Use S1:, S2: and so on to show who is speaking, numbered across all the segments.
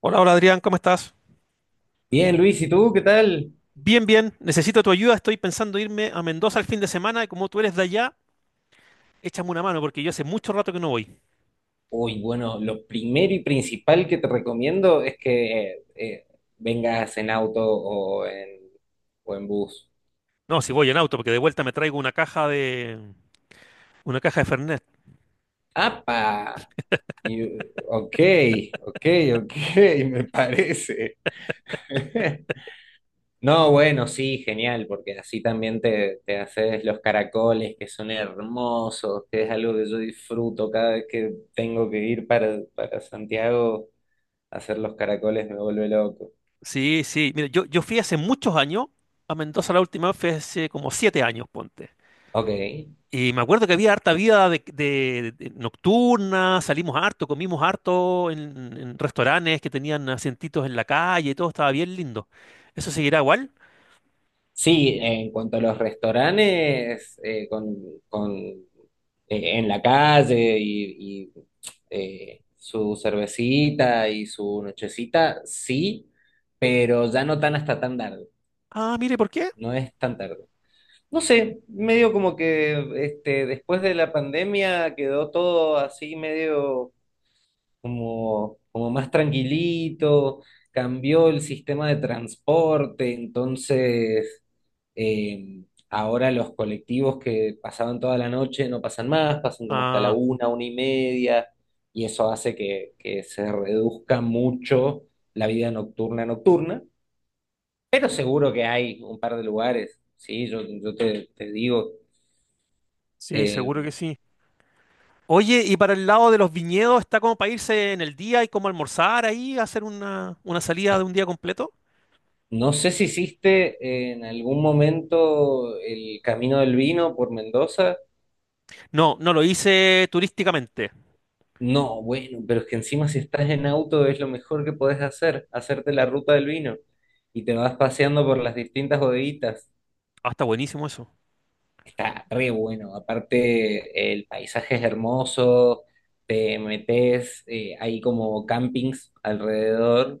S1: Hola, hola Adrián, ¿cómo estás?
S2: Bien, Luis, ¿y tú qué tal?
S1: Bien, bien, necesito tu ayuda, estoy pensando irme a Mendoza el fin de semana y como tú eres de allá, échame una mano porque yo hace mucho rato que no voy.
S2: Uy, bueno, lo primero y principal que te recomiendo es que vengas en auto o en bus.
S1: No, si voy en auto, porque de vuelta me traigo una caja de Fernet.
S2: ¡Apa! Y- ok, ok, ok, me parece. No, bueno, sí, genial, porque así también te haces los caracoles que son hermosos, que es algo que yo disfruto cada vez que tengo que ir para Santiago. Hacer los caracoles me vuelve loco.
S1: Sí, sí, mira, yo fui hace muchos años a Mendoza la última vez, fue hace como 7 años, ponte.
S2: Ok.
S1: Y me acuerdo que había harta vida de nocturna, salimos harto, comimos harto en restaurantes que tenían asientitos en la calle, todo estaba bien lindo. ¿Eso seguirá igual?
S2: Sí, en cuanto a los restaurantes, con, eh, en la calle y su cervecita y su nochecita, sí, pero ya no tan hasta tan tarde,
S1: Ah, mire, ¿por qué?
S2: no es tan tarde. No sé, medio como que este, después de la pandemia quedó todo así medio como más tranquilito. Cambió el sistema de transporte, entonces eh, ahora los colectivos que pasaban toda la noche no pasan más, pasan como hasta la
S1: Ah,
S2: una y media, y eso hace que se reduzca mucho la vida nocturna, pero seguro que hay un par de lugares, sí, yo te digo,
S1: sí,
S2: eh,
S1: seguro que sí. Oye, y para el lado de los viñedos, ¿está como para irse en el día y como almorzar ahí, hacer una salida de
S2: es-
S1: un día completo?
S2: no sé si hiciste en algún momento el Camino del Vino por Mendoza.
S1: No, no lo hice turísticamente.
S2: No, bueno, pero es que encima si estás en auto es lo mejor que podés hacer, hacerte la ruta del vino y te vas paseando por las distintas bodeguitas.
S1: Ah, está buenísimo eso.
S2: Está re bueno, aparte el paisaje es hermoso, te metes, hay como campings alrededor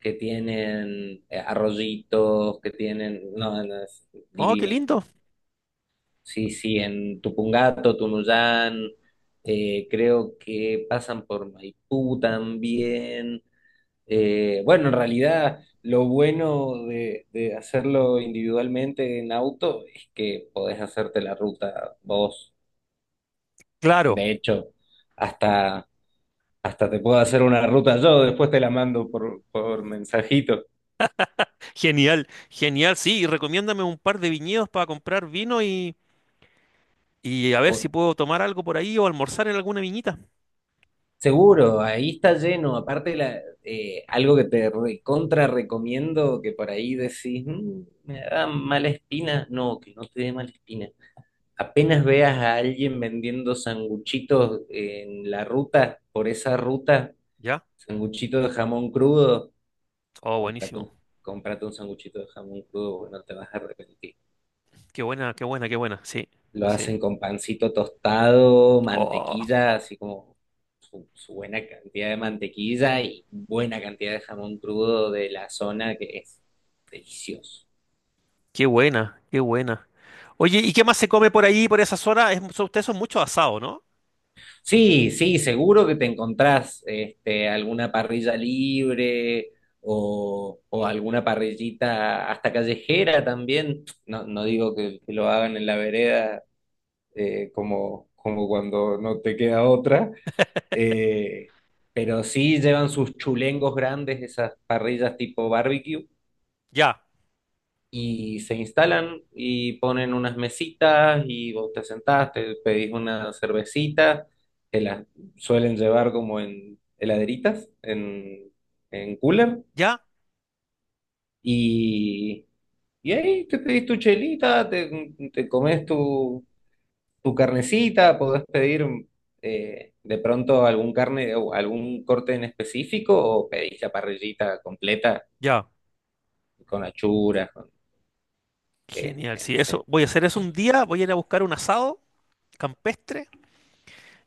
S2: que tienen arroyitos, que tienen, no, es
S1: Oh, qué
S2: divino.
S1: lindo.
S2: Sí, sí, en Tupungato, Tunuyán, creo que pasan por Maipú también. Bueno, en realidad lo bueno de hacerlo individualmente en auto es que podés hacerte la ruta vos.
S1: Claro,
S2: De hecho, hasta, hasta te puedo hacer una ruta yo, después te la mando por mensajito.
S1: genial, genial, sí. Y recomiéndame un par de viñedos para comprar vino y a ver
S2: O-
S1: si puedo tomar algo por ahí o almorzar en alguna viñita.
S2: seguro, ahí está lleno. Aparte, algo que te recontra recomiendo, que por ahí decís, "Mm, me da mala espina". No, que no te dé mala espina. Apenas veas a alguien vendiendo sanguchitos en la ruta, por esa ruta,
S1: ¿Ya?
S2: sanguchito de jamón crudo,
S1: Oh,
S2: cómprate
S1: buenísimo.
S2: un, cómprate un sanguchito de jamón crudo, porque no te vas a arrepentir.
S1: Qué buena, qué buena, qué buena. Sí,
S2: Lo
S1: sí.
S2: hacen con pancito tostado,
S1: Oh.
S2: mantequilla, así como su buena cantidad de mantequilla y buena cantidad de jamón crudo de la zona, que es delicioso.
S1: Qué buena, qué buena. Oye, ¿y qué más se come por ahí, por esa zona? Es, son- ustedes son mucho asado, ¿no?
S2: Sí, sí, seguro que te encontrás este, alguna parrilla libre o alguna parrillita hasta callejera también. No, no digo que lo hagan en la vereda como cuando no te queda otra, eh, pero sí llevan sus chulengos grandes, esas parrillas tipo barbecue,
S1: Ya,
S2: y se instalan y ponen unas mesitas y vos te sentás, te pedís una cervecita, que las suelen llevar como en heladeritas, en cooler,
S1: ya,
S2: y, y ahí te pedís tu chelita, te comes tu carnecita, podés pedir de pronto algún carne o algún corte en específico o pedís la parrillita completa
S1: ya.
S2: con achuras, con,
S1: Genial,
S2: este,
S1: sí,
S2: no
S1: eso.
S2: sé
S1: Voy a hacer eso un día, voy a ir a buscar un asado campestre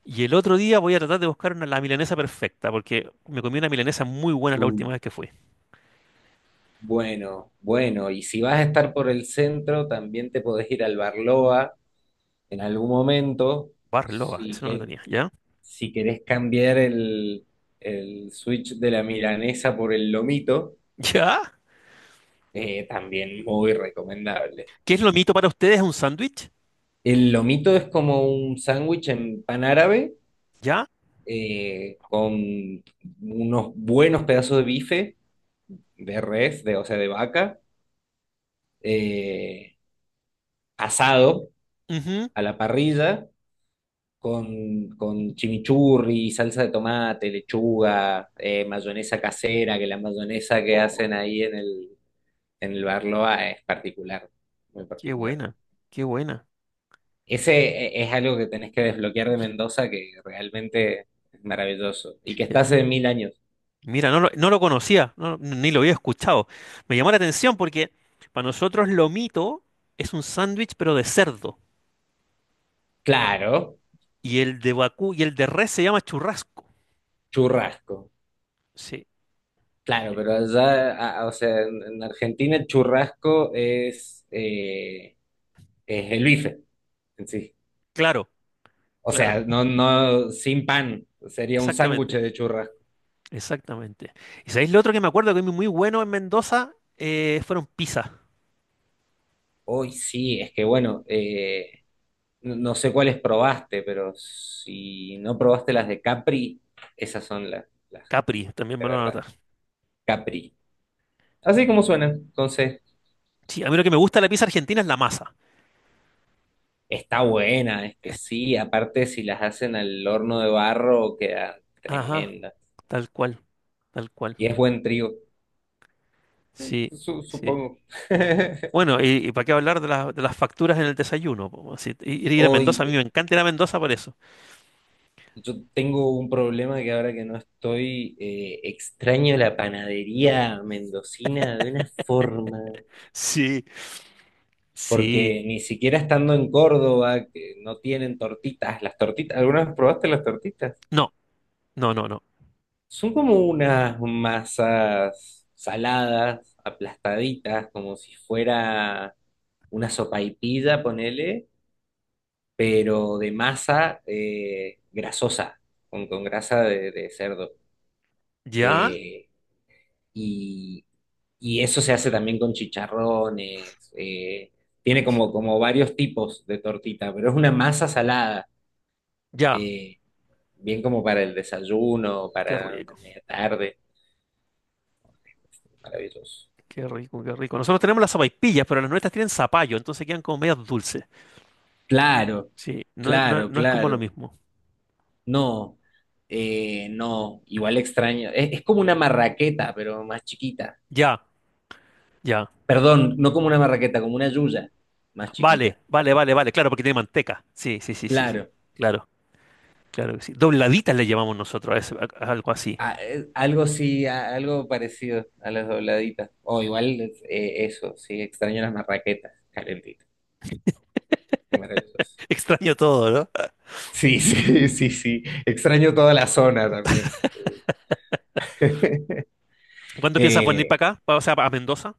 S1: y el otro día voy a tratar de buscar la milanesa perfecta, porque me comí una milanesa muy buena la última vez que fui.
S2: Bueno, bueno, y si vas a estar por el centro, también te podés ir al Barloa en algún momento,
S1: Barloba,
S2: si,
S1: eso no lo
S2: que,
S1: tenía, ¿ya?
S2: si querés cambiar el switch de la milanesa por el lomito,
S1: ¿Ya?
S2: también muy recomendable.
S1: ¿Qué es lo mito para ustedes? ¿Un sándwich?
S2: El lomito es como un sándwich en pan árabe,
S1: ¿Ya?
S2: con unos buenos pedazos de bife, de res, de, o sea, de vaca, eh, asado
S1: Ujú.
S2: a la parrilla con chimichurri, salsa de tomate, lechuga, mayonesa casera, que la mayonesa que
S1: Oh,
S2: hacen ahí en en el Barloa es particular, muy
S1: qué
S2: particular.
S1: buena, qué buena.
S2: Ese es algo que tenés que desbloquear de Mendoza, que realmente es maravilloso, y que está hace mil años.
S1: Mira, no lo conocía, no- ni lo había escuchado. Me llamó la atención porque para nosotros lo mito es un sándwich pero de cerdo
S2: Claro,
S1: y el de vacú y el de res se llama churrasco.
S2: churrasco.
S1: Sí,
S2: Claro,
S1: eh,
S2: pero allá, o sea, en Argentina el churrasco es el bife en sí.
S1: claro,
S2: O
S1: claro,
S2: sea, no, no, sin pan, sería un sándwich
S1: exactamente,
S2: de churrasco.
S1: exactamente. ¿Y sabéis lo otro que me acuerdo que es muy bueno en Mendoza? Fueron pizzas.
S2: Hoy sí, es que bueno, no sé cuáles probaste, pero si no probaste las de Capri, esas son las
S1: Capri, también
S2: de
S1: me lo van a
S2: verdad,
S1: anotar.
S2: Capri. Así como suenan, entonces
S1: Sí, a mí lo que me gusta de la pizza argentina es la masa.
S2: está buena, es que sí, aparte si las hacen al horno de barro queda
S1: Ajá,
S2: tremenda.
S1: tal cual, tal cual.
S2: Y es buen trigo,
S1: Sí, sí.
S2: supongo.
S1: Bueno, y para qué hablar de, la- de las facturas en el desayuno. Po, si- ir a Mendoza, a mí
S2: Hoy
S1: me encanta ir a Mendoza por eso.
S2: yo tengo un problema que ahora que no estoy, extraño la panadería mendocina de una forma,
S1: Sí, sí.
S2: porque ni siquiera estando en Córdoba, que no tienen tortitas, las tortitas, ¿alguna vez probaste las tortitas?
S1: No, no, no, no.
S2: Son como unas masas saladas, aplastaditas, como si fuera una sopaipilla, ponele, pero de masa grasosa, con grasa de cerdo.
S1: Ya,
S2: Eh, y, y eso se hace también con chicharrones, tiene como,
S1: buenísimo.
S2: como varios tipos de tortita, pero es una masa salada,
S1: Ya,
S2: eh, bien como para el desayuno,
S1: qué
S2: para la
S1: rico,
S2: media tarde, maravilloso.
S1: qué rico, qué rico. Nosotros tenemos las sopaipillas, pero las nuestras tienen zapallo, entonces quedan como medias dulces.
S2: Claro,
S1: Sí, no, es- no, es-
S2: claro,
S1: no es como lo
S2: claro.
S1: mismo.
S2: No, no, igual extraño. Es como una marraqueta, pero más chiquita.
S1: Ya, ya.
S2: Perdón, no como una marraqueta, como una yuya, más
S1: Vale,
S2: chiquita.
S1: vale, vale, vale. Claro, porque tiene manteca. Sí, sí, sí, sí, sí.
S2: Claro.
S1: Claro, claro que sí. Dobladitas le llamamos nosotros a, ese- a algo así.
S2: Algo sí, algo parecido a las dobladitas. O igual sí, extraño las marraquetas calentitas, maravillosas.
S1: Extraño todo, ¿no?
S2: Sí, sí, sí, sí. Extraño toda la zona también.
S1: ¿Cuándo piensas venir
S2: Eh,
S1: para acá? Pa- O sea, a Mendoza.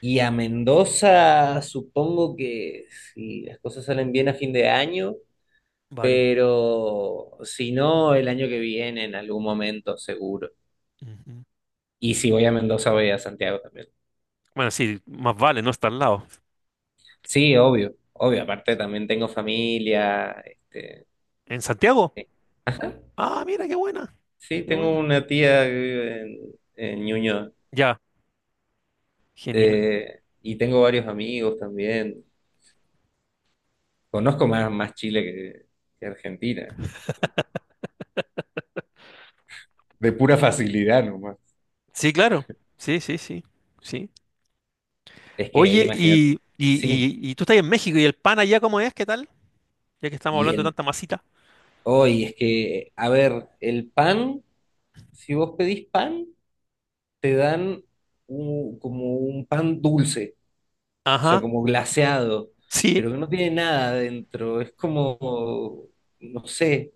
S2: y a Mendoza, supongo que si las cosas salen bien a fin de año,
S1: Vale.
S2: pero si no, el año que viene, en algún momento, seguro.
S1: Ujú.
S2: Y si voy a Mendoza, voy a Santiago también.
S1: Bueno, sí, más vale, no está al lado.
S2: Sí, obvio, obvio. Aparte, también tengo familia, este.
S1: ¿En Santiago?
S2: Sí. Ajá.
S1: Ah, mira, qué buena,
S2: Sí,
S1: qué
S2: tengo
S1: buena.
S2: una tía que vive en Ñuñoa.
S1: Ya, genial.
S2: Y tengo varios amigos también. Conozco más, más Chile que Argentina. De pura facilidad nomás.
S1: Sí, claro. Sí, sí, sí, sí.
S2: Es que
S1: Oye,
S2: imagínate.
S1: y, y,
S2: Sí.
S1: y, y tú estás en México y el pan allá, ¿cómo es? ¿Qué tal? Ya que estamos
S2: Y
S1: hablando de
S2: el
S1: tanta masita.
S2: hoy es que, a ver, el pan, si vos pedís pan, te dan como un pan dulce, o sea,
S1: Ajá,
S2: como glaseado,
S1: sí.
S2: pero que no tiene nada adentro. Es como, no sé.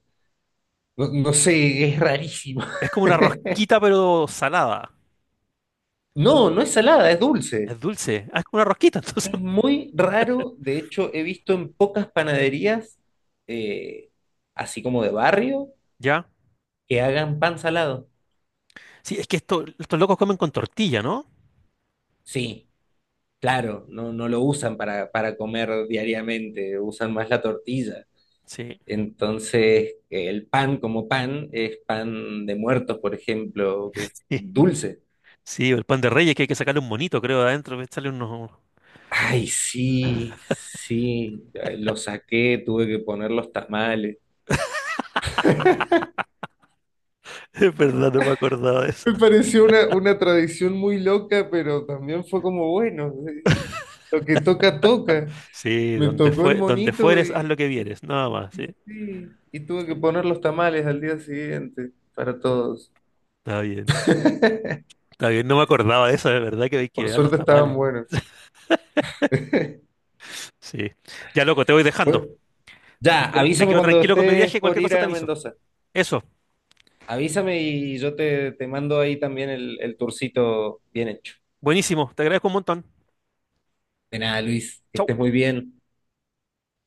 S2: No, no sé, es rarísimo.
S1: Es como una rosquita, pero salada.
S2: No, no es salada, es dulce.
S1: Es dulce. Ah, es como una rosquita, entonces.
S2: Es muy raro. De hecho, he visto en pocas panaderías, eh, así como de barrio,
S1: Ya.
S2: que hagan pan salado.
S1: Sí, es que esto, estos locos comen con tortilla, ¿no?
S2: Sí, claro, no, no lo usan para comer diariamente, usan más la tortilla.
S1: Sí.
S2: Entonces, el pan como pan es pan de muertos, por ejemplo, que es dulce.
S1: Sí, el pan de reyes que hay que sacarle un monito, creo, de adentro, echarle unos,
S2: Ay, sí, sí, lo saqué, tuve que poner los tamales.
S1: Es verdad, no me acordaba de eso.
S2: Me pareció una tradición muy loca, pero también fue como, bueno, lo que toca, toca.
S1: Sí,
S2: Me
S1: donde
S2: tocó el
S1: fue, donde
S2: monito
S1: fueres, haz
S2: y
S1: lo que vieres, nada más, sí,
S2: sí, y tuve que
S1: sí,
S2: poner los tamales al día siguiente para todos.
S1: está bien. Está bien, no me acordaba de eso, de verdad que hay
S2: Por
S1: que ver los
S2: suerte estaban
S1: tamales.
S2: buenos.
S1: Sí. Ya, loco, te voy
S2: Bueno,
S1: dejando.
S2: ya,
S1: Me
S2: avísame
S1: quedo
S2: cuando
S1: tranquilo con mi
S2: estés
S1: viaje,
S2: por
S1: cualquier
S2: ir
S1: cosa te
S2: a
S1: aviso.
S2: Mendoza.
S1: Eso,
S2: Avísame y yo te mando ahí también el tourcito bien hecho.
S1: buenísimo, te agradezco un montón.
S2: De nada, Luis, que
S1: Chau.
S2: estés muy bien.